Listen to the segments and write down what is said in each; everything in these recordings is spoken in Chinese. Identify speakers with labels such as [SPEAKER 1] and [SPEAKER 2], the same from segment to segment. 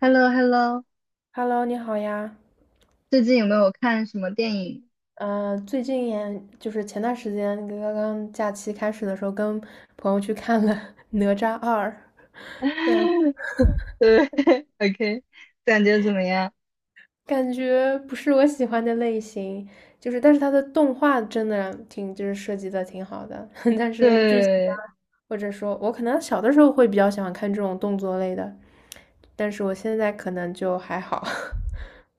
[SPEAKER 1] h e l l o h e l l o
[SPEAKER 2] Hello，你好呀。
[SPEAKER 1] 最近有没有看什么电影？
[SPEAKER 2] 最近也就是前段时间刚刚假期开始的时候，跟朋友去看了《哪吒二》，然后
[SPEAKER 1] 对， ，OK，感觉怎么样？
[SPEAKER 2] 感觉不是我喜欢的类型，就是但是它的动画真的挺就是设计的挺好的，但是剧情啊，
[SPEAKER 1] 对。
[SPEAKER 2] 或者说我可能小的时候会比较喜欢看这种动作类的，但是我现在可能就还好。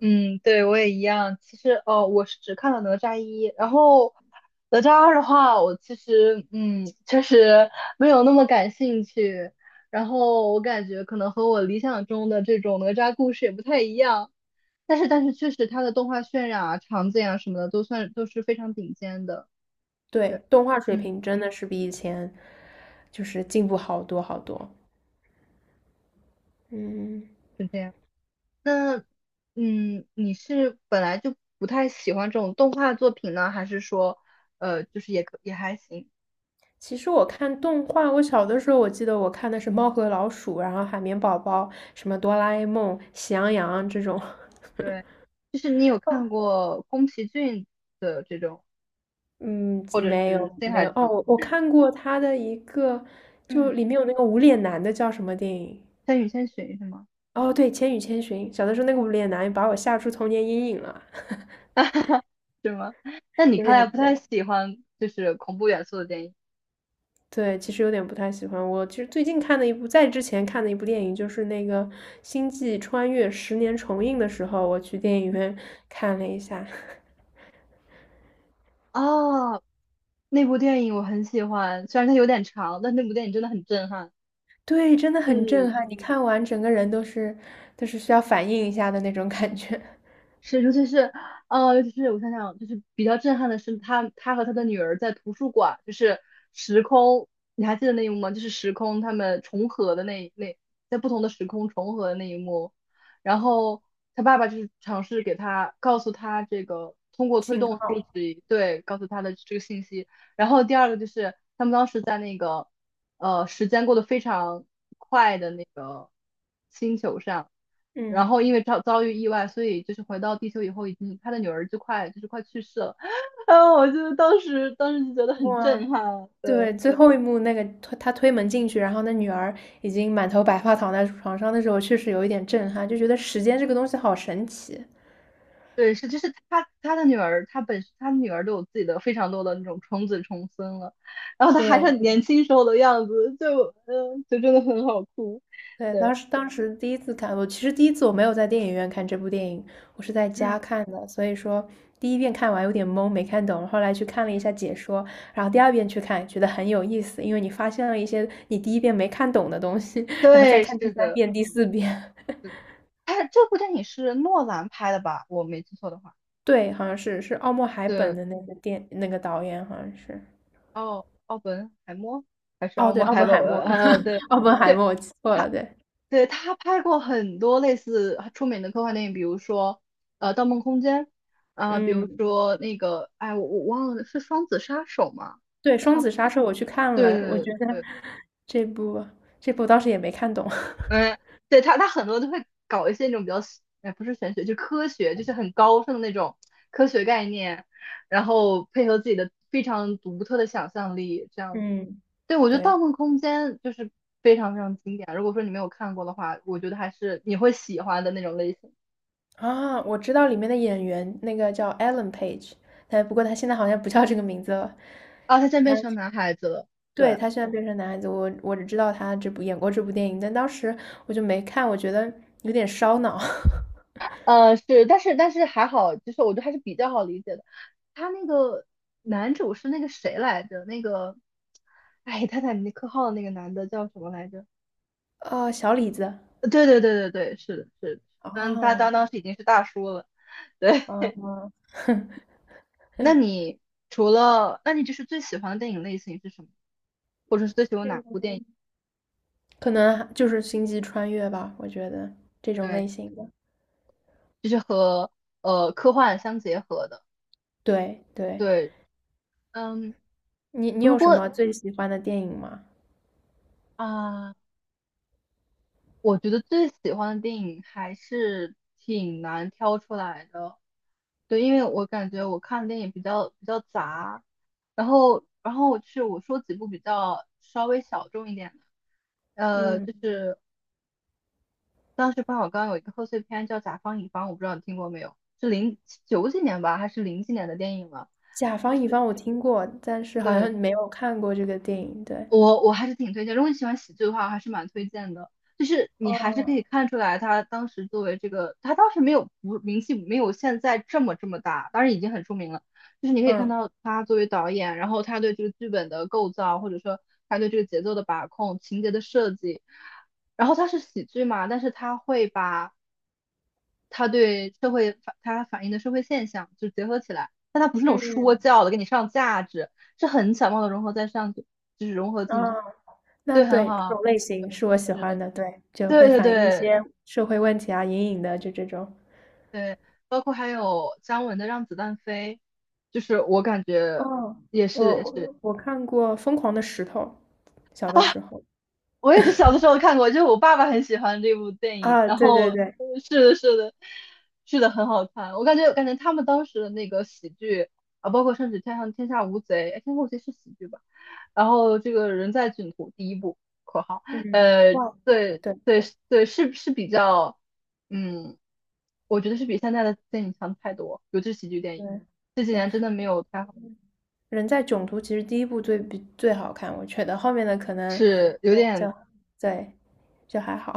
[SPEAKER 1] 嗯，对，我也一样。其实哦，我是只看了哪吒一，然后哪吒二的话，我其实确实没有那么感兴趣。然后我感觉可能和我理想中的这种哪吒故事也不太一样，但是确实它的动画渲染啊、场景啊什么的都是非常顶尖的。对，
[SPEAKER 2] 对，动画水
[SPEAKER 1] 嗯，
[SPEAKER 2] 平真的是比以前就是进步好多好多。嗯。
[SPEAKER 1] 是这样。那，你是本来就不太喜欢这种动画作品呢，还是说，就是也还行？
[SPEAKER 2] 其实我看动画，我小的时候我记得我看的是《猫和老鼠》，然后《海绵宝宝》，什么《哆啦 A 梦》、《喜羊羊》这种。
[SPEAKER 1] 对，就是你有
[SPEAKER 2] 哦，
[SPEAKER 1] 看过宫崎骏的这种，
[SPEAKER 2] 嗯，
[SPEAKER 1] 或者
[SPEAKER 2] 没
[SPEAKER 1] 是
[SPEAKER 2] 有
[SPEAKER 1] 新
[SPEAKER 2] 没
[SPEAKER 1] 海
[SPEAKER 2] 有哦，
[SPEAKER 1] 诚，
[SPEAKER 2] 我看过他的一个，
[SPEAKER 1] 嗯，
[SPEAKER 2] 就里面有那个无脸男的叫什么电影？
[SPEAKER 1] 千与千寻是吗？
[SPEAKER 2] 哦，对，《千与千寻》。小的时候那个无脸男把我吓出童年阴影了，
[SPEAKER 1] 是吗？那你
[SPEAKER 2] 有
[SPEAKER 1] 看来
[SPEAKER 2] 点
[SPEAKER 1] 不太
[SPEAKER 2] 对
[SPEAKER 1] 喜欢就是恐怖元素的电影
[SPEAKER 2] 对，其实有点不太喜欢。我其实最近看的一部，在之前看的一部电影就是那个《星际穿越》十年重映的时候，我去电影院看了一下。
[SPEAKER 1] 哦。那部电影我很喜欢，虽然它有点长，但那部电影真的很震撼。
[SPEAKER 2] 对，真的很震
[SPEAKER 1] 是
[SPEAKER 2] 撼，你看完整个人都是需要反应一下的那种感觉，
[SPEAKER 1] 是，尤其是我想想，就是比较震撼的是他和他的女儿在图书馆，就是时空，你还记得那一幕吗？就是时空他们重合的那，在不同的时空重合的那一幕。然后他爸爸就是尝试给他告诉他这个，通 过推
[SPEAKER 2] 信
[SPEAKER 1] 动书
[SPEAKER 2] 号。
[SPEAKER 1] 籍，对，告诉他的这个信息。然后第二个就是他们当时在那个，时间过得非常快的那个星球上。然
[SPEAKER 2] 嗯，
[SPEAKER 1] 后因为遭遇意外，所以就是回到地球以后，已经他的女儿就是快去世了。啊，我就当时就觉得很
[SPEAKER 2] 哇，
[SPEAKER 1] 震撼。
[SPEAKER 2] 对，
[SPEAKER 1] 对
[SPEAKER 2] 最后一幕那个推他推门进去，然后那女儿已经满头白发躺在床上的时候，确实有一点震撼，就觉得时间这个东西好神奇。
[SPEAKER 1] 对，是就是他的女儿，他女儿都有自己的非常多的那种重子重孙了，然后他还是
[SPEAKER 2] 对，
[SPEAKER 1] 很年轻时候的样子，就真的很好哭。
[SPEAKER 2] 对，当
[SPEAKER 1] 对，
[SPEAKER 2] 时当时第一次看，我其实第一次我没有在电影院看这部电影，我是在
[SPEAKER 1] 嗯，
[SPEAKER 2] 家看的，所以说第一遍看完有点懵，没看懂，后来去看了一下解说，然后第二遍去看，觉得很有意思，因为你发现了一些你第一遍没看懂的东西，然后再
[SPEAKER 1] 对，
[SPEAKER 2] 看第
[SPEAKER 1] 是
[SPEAKER 2] 三
[SPEAKER 1] 的，
[SPEAKER 2] 遍、第四遍。
[SPEAKER 1] 是的。哎，这部电影是诺兰拍的吧？我没记错的话。
[SPEAKER 2] 对，好像是是奥默海本
[SPEAKER 1] 对，
[SPEAKER 2] 的那个电那个导演，好像是。
[SPEAKER 1] 奥本海默还是奥
[SPEAKER 2] 哦，对，
[SPEAKER 1] 默
[SPEAKER 2] 奥
[SPEAKER 1] 海
[SPEAKER 2] 本
[SPEAKER 1] 默？
[SPEAKER 2] 海默，
[SPEAKER 1] 对
[SPEAKER 2] 奥本海
[SPEAKER 1] 对，
[SPEAKER 2] 默，我记错
[SPEAKER 1] 他，
[SPEAKER 2] 了，对，
[SPEAKER 1] 对，他拍过很多类似出名的科幻电影，比如说《盗梦空间》啊、比如
[SPEAKER 2] 嗯。
[SPEAKER 1] 说那个哎我忘了，是《双子杀手》吗？
[SPEAKER 2] 对，
[SPEAKER 1] 是
[SPEAKER 2] 《双
[SPEAKER 1] 他，
[SPEAKER 2] 子杀手》我去看
[SPEAKER 1] 对
[SPEAKER 2] 了，我觉得
[SPEAKER 1] 对对，
[SPEAKER 2] 这部这部当时也没看懂。
[SPEAKER 1] 嗯，对，他很多都会搞一些那种比较，哎，不是玄学，就科学，就是很高深的那种科学概念，然后配合自己的非常独特的想象力，这样子。
[SPEAKER 2] 嗯，
[SPEAKER 1] 对，我觉得《盗
[SPEAKER 2] 对
[SPEAKER 1] 梦空间》就是非常非常经典。如果说你没有看过的话，我觉得还是你会喜欢的那种类型。
[SPEAKER 2] 啊，我知道里面的演员，那个叫 Ellen Page，但不过他现在好像不叫这个名字了。
[SPEAKER 1] 啊，他现在
[SPEAKER 2] 他
[SPEAKER 1] 变成男孩子了。
[SPEAKER 2] 对
[SPEAKER 1] 对。
[SPEAKER 2] 他现在变成男孩子，我只知道他这部演过这部电影，但当时我就没看，我觉得有点烧脑。
[SPEAKER 1] 是，但是还好，就是我觉得还是比较好理解的。他那个男主是那个谁来着？那个，哎，泰坦尼克号的那个男的叫什么来着？
[SPEAKER 2] 哦，小李子，
[SPEAKER 1] 对对对对对，是的，是的，嗯，他
[SPEAKER 2] 哦，
[SPEAKER 1] 当时已经是大叔了。对，
[SPEAKER 2] 嗯，
[SPEAKER 1] 那你那你就是最喜欢的电影类型是什么？或者是最喜欢哪部电影？
[SPEAKER 2] 可能就是星际穿越吧，我觉得这种类
[SPEAKER 1] 对，
[SPEAKER 2] 型的。
[SPEAKER 1] 就是和科幻相结合的。
[SPEAKER 2] 对对，
[SPEAKER 1] 对，嗯，
[SPEAKER 2] 你
[SPEAKER 1] 如
[SPEAKER 2] 有什
[SPEAKER 1] 果
[SPEAKER 2] 么最喜欢的电影吗？
[SPEAKER 1] 啊。我觉得最喜欢的电影还是挺难挑出来的，对，因为我感觉我看的电影比较杂，然后我说几部比较稍微小众一点的，就
[SPEAKER 2] 嗯，
[SPEAKER 1] 是当时冯小刚有一个贺岁片叫《甲方乙方》，我不知道你听过没有，是零九几年吧，还是零几年的电影了？
[SPEAKER 2] 甲方
[SPEAKER 1] 就
[SPEAKER 2] 乙
[SPEAKER 1] 是
[SPEAKER 2] 方我听过，但是好
[SPEAKER 1] 对，
[SPEAKER 2] 像没有看过这个电影。对，
[SPEAKER 1] 我还是挺推荐，如果你喜欢喜剧的话，我还是蛮推荐的。就是你还是可
[SPEAKER 2] 哦，
[SPEAKER 1] 以看出来，他当时作为这个，他当时没有不名气没有现在这么大，当然已经很出名了。就是你可以看
[SPEAKER 2] 嗯
[SPEAKER 1] 到他作为导演，然后他对这个剧本的构造，或者说他对这个节奏的把控、情节的设计。然后他是喜剧嘛，但是他会把他反映的社会现象就结合起来，但他不是那种说
[SPEAKER 2] 嗯
[SPEAKER 1] 教的给你上价值，是很巧妙的融合在上去，就是融合进。
[SPEAKER 2] 嗯，啊，那
[SPEAKER 1] 对，很
[SPEAKER 2] 对这种
[SPEAKER 1] 好，
[SPEAKER 2] 类型
[SPEAKER 1] 嗯，
[SPEAKER 2] 是我喜
[SPEAKER 1] 是，
[SPEAKER 2] 欢的，对，就
[SPEAKER 1] 对
[SPEAKER 2] 会
[SPEAKER 1] 对
[SPEAKER 2] 反映一
[SPEAKER 1] 对
[SPEAKER 2] 些社会问题啊，隐隐的就这种。
[SPEAKER 1] 对，包括还有姜文的《让子弹飞》，就是我感觉
[SPEAKER 2] 哦，
[SPEAKER 1] 也是。
[SPEAKER 2] 我我看过《疯狂的石头》，小的时候
[SPEAKER 1] 我也是小的时候看过，就是我爸爸很喜欢这部电影，
[SPEAKER 2] 啊，
[SPEAKER 1] 然嗯
[SPEAKER 2] 对
[SPEAKER 1] 后
[SPEAKER 2] 对对，
[SPEAKER 1] 嗯，是的，是的，是的，很好看。我感觉他们当时的那个喜剧啊，包括甚至《天上天下无贼》，哎，《天下无贼》是喜剧吧？然后这个人在囧途第一部（括号），
[SPEAKER 2] 嗯，
[SPEAKER 1] 呃，
[SPEAKER 2] 哇，
[SPEAKER 1] 对
[SPEAKER 2] 对
[SPEAKER 1] 对对，是比较，嗯，我觉得是比现在的电影强太多，尤其是喜剧电
[SPEAKER 2] 对。
[SPEAKER 1] 影，这几
[SPEAKER 2] 对，
[SPEAKER 1] 年真的没有太好，
[SPEAKER 2] 人在囧途其实第一部最比最好看，我觉得后面的可能
[SPEAKER 1] 是有
[SPEAKER 2] 就
[SPEAKER 1] 点，
[SPEAKER 2] 就对就还好，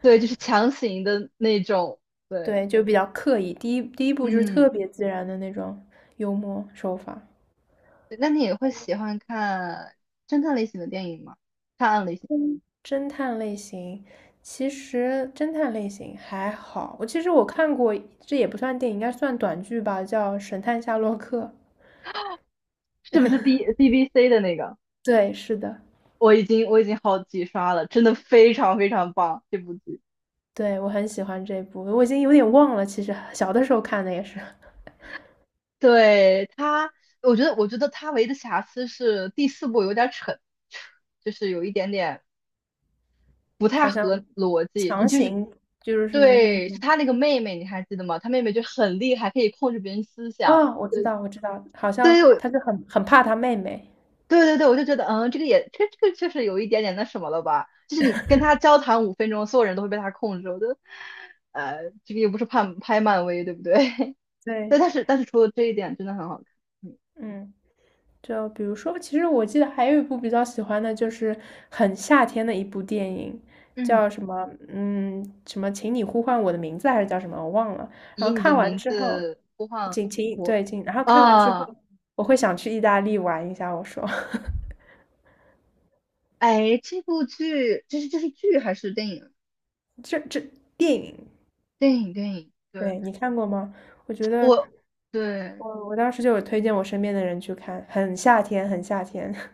[SPEAKER 1] 对，就是强行的那种，对，
[SPEAKER 2] 对就比较刻意。第一部就是
[SPEAKER 1] 嗯。
[SPEAKER 2] 特别自然的那种幽默手法。
[SPEAKER 1] 对，那你也会喜欢看侦探类型的电影吗？探案类型
[SPEAKER 2] 嗯，侦探类型其实侦探类型还好，我其实看过，这也不算电影，应该算短剧吧，叫《神探夏洛克》。
[SPEAKER 1] 是不是 BBC 的那个？
[SPEAKER 2] 对，是的，
[SPEAKER 1] 我已经好几刷了，真的非常非常棒这部剧。
[SPEAKER 2] 对我很喜欢这部，我已经有点忘了，其实小的时候看的也是。
[SPEAKER 1] 对，他，我觉得他唯一的瑕疵是第四部有点扯，就是有一点点不太
[SPEAKER 2] 好像
[SPEAKER 1] 合逻辑。
[SPEAKER 2] 强
[SPEAKER 1] 就是
[SPEAKER 2] 行就是那
[SPEAKER 1] 对，是
[SPEAKER 2] 种
[SPEAKER 1] 他那个妹妹，你还记得吗？他妹妹就很厉害，可以控制别人思想。
[SPEAKER 2] 啊，我知道，我知道，好像
[SPEAKER 1] 对。
[SPEAKER 2] 他就很怕他妹妹。
[SPEAKER 1] 对对对，我就觉得，这个也，这个确实有一点点那什么了吧？就是你跟他交谈5分钟，所有人都会被他控制。我觉得，这个又不是拍拍漫威，对不对？对，
[SPEAKER 2] 对，
[SPEAKER 1] 但是除了这一点，真的很好看。嗯，
[SPEAKER 2] 嗯，就比如说，其实我记得还有一部比较喜欢的，就是很夏天的一部电影，
[SPEAKER 1] 嗯，
[SPEAKER 2] 叫什么？嗯，什么？请你呼唤我的名字还是叫什么？我忘了。然
[SPEAKER 1] 以
[SPEAKER 2] 后
[SPEAKER 1] 你的
[SPEAKER 2] 看完
[SPEAKER 1] 名
[SPEAKER 2] 之后，
[SPEAKER 1] 字播放
[SPEAKER 2] 请请
[SPEAKER 1] 我，
[SPEAKER 2] 对请，然后看完之后，
[SPEAKER 1] 啊！
[SPEAKER 2] 我会想去意大利玩一下。我说，
[SPEAKER 1] 哎，这部剧，这是剧还是电影？
[SPEAKER 2] 这这电影，
[SPEAKER 1] 电影电影，对，
[SPEAKER 2] 对你看过吗？我觉得。
[SPEAKER 1] 我对
[SPEAKER 2] 我当时就有推荐我身边的人去看，很夏天，很夏天。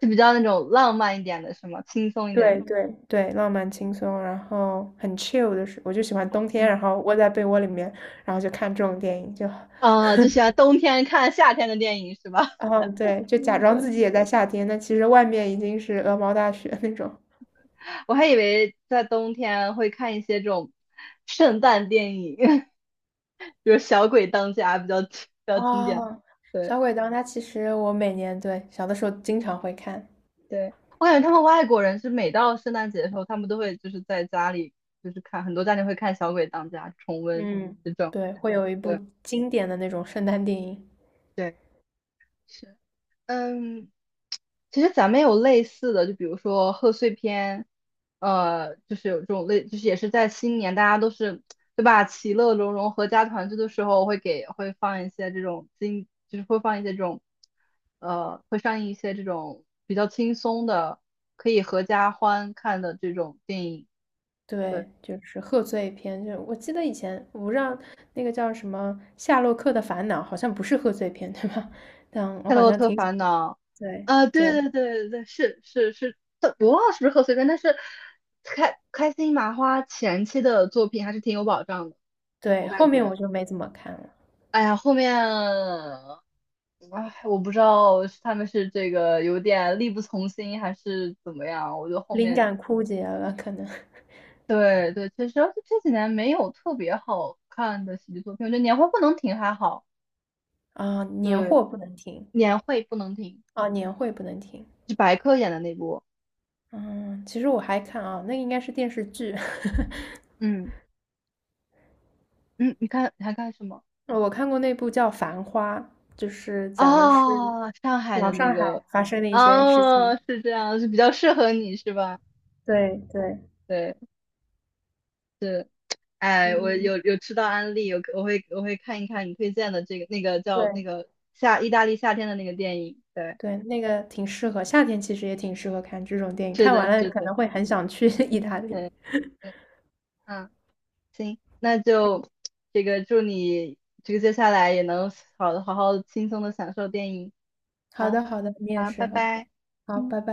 [SPEAKER 1] 是比较那种浪漫一点的，是吗？轻松一点
[SPEAKER 2] 对
[SPEAKER 1] 的，
[SPEAKER 2] 对对，浪漫轻松，然后很 chill 的是，我就喜欢冬天，
[SPEAKER 1] 嗯，
[SPEAKER 2] 然后窝在被窝里面，然后就看这种电影，就，
[SPEAKER 1] 啊，就喜欢冬天看夏天的电影是吧？
[SPEAKER 2] 嗯，对，就假 装
[SPEAKER 1] 对。
[SPEAKER 2] 自己也在夏天，但其实外面已经是鹅毛大雪那种。
[SPEAKER 1] 我还以为在冬天会看一些这种圣诞电影，比如《小鬼当家》比较经典。
[SPEAKER 2] 哦，
[SPEAKER 1] 对
[SPEAKER 2] 小鬼当家其实我每年对小的时候经常会看，
[SPEAKER 1] 对，我感觉他们外国人是每到圣诞节的时候，他们都会就是在家里就是看，很多家庭会看《小鬼当家》重温
[SPEAKER 2] 嗯，
[SPEAKER 1] 这种。
[SPEAKER 2] 对，会有一部
[SPEAKER 1] 对
[SPEAKER 2] 经典的那种圣诞电影。
[SPEAKER 1] 对，是，嗯，其实咱们有类似的，就比如说贺岁片，就是有这种类，就是也是在新年，大家都是，对吧？其乐融融、合家团聚的时候，会放一些这种经，就是会放一些这种，会上映一些这种比较轻松的，可以合家欢看的这种电影。
[SPEAKER 2] 对，
[SPEAKER 1] 对。
[SPEAKER 2] 就是贺岁片。就我记得以前，我不知道那个叫什么《夏洛克的烦恼》，好像不是贺岁片，对吧？但我
[SPEAKER 1] 夏
[SPEAKER 2] 好
[SPEAKER 1] 洛
[SPEAKER 2] 像
[SPEAKER 1] 特
[SPEAKER 2] 挺喜
[SPEAKER 1] 烦恼》
[SPEAKER 2] 对
[SPEAKER 1] 啊，对
[SPEAKER 2] 对
[SPEAKER 1] 对对对对，是是是，我忘了是不是贺岁片，但是开心麻花前期的作品还是挺有保障的，
[SPEAKER 2] 对，
[SPEAKER 1] 我
[SPEAKER 2] 后
[SPEAKER 1] 感
[SPEAKER 2] 面
[SPEAKER 1] 觉。
[SPEAKER 2] 我就没怎么看了，
[SPEAKER 1] 哎呀，后面，哎，我不知道是他们是这个有点力不从心还是怎么样，我觉得后
[SPEAKER 2] 灵
[SPEAKER 1] 面，
[SPEAKER 2] 感枯竭了，可能
[SPEAKER 1] 对对，确实，而且这几年没有特别好看的喜剧作品，我觉得年会不能停还好，
[SPEAKER 2] 啊，年
[SPEAKER 1] 对，
[SPEAKER 2] 货不能停
[SPEAKER 1] 年会不能停，
[SPEAKER 2] 啊，年会不能停。
[SPEAKER 1] 是白客演的那部，
[SPEAKER 2] 嗯，其实我还看啊，那应该是电视剧，
[SPEAKER 1] 嗯，嗯，你看你还看什么？
[SPEAKER 2] 我看过那部叫《繁花》，就是讲的是
[SPEAKER 1] 啊，上海
[SPEAKER 2] 老
[SPEAKER 1] 的那
[SPEAKER 2] 上
[SPEAKER 1] 个，
[SPEAKER 2] 海发生的一些事情。
[SPEAKER 1] 哦，是这样，是比较适合你是吧？
[SPEAKER 2] 对对，
[SPEAKER 1] 对，是，哎，我
[SPEAKER 2] 嗯，
[SPEAKER 1] 有吃到安利，有我会我会看一看你推荐的这个那个叫那
[SPEAKER 2] 对。
[SPEAKER 1] 个意大利夏天的那个电影，对，
[SPEAKER 2] 对，那个挺适合，夏天其实也挺适合看这种电影，
[SPEAKER 1] 是
[SPEAKER 2] 看
[SPEAKER 1] 的，
[SPEAKER 2] 完了
[SPEAKER 1] 是
[SPEAKER 2] 可
[SPEAKER 1] 的，
[SPEAKER 2] 能会很想去 意大利。
[SPEAKER 1] 对对，嗯，那就这个祝你这个接下来也能好好轻松的享受电影，
[SPEAKER 2] 好
[SPEAKER 1] 好，
[SPEAKER 2] 的，好的，你也
[SPEAKER 1] 好，
[SPEAKER 2] 是
[SPEAKER 1] 拜
[SPEAKER 2] ，OK，
[SPEAKER 1] 拜。
[SPEAKER 2] 好，
[SPEAKER 1] 嗯。
[SPEAKER 2] 拜拜。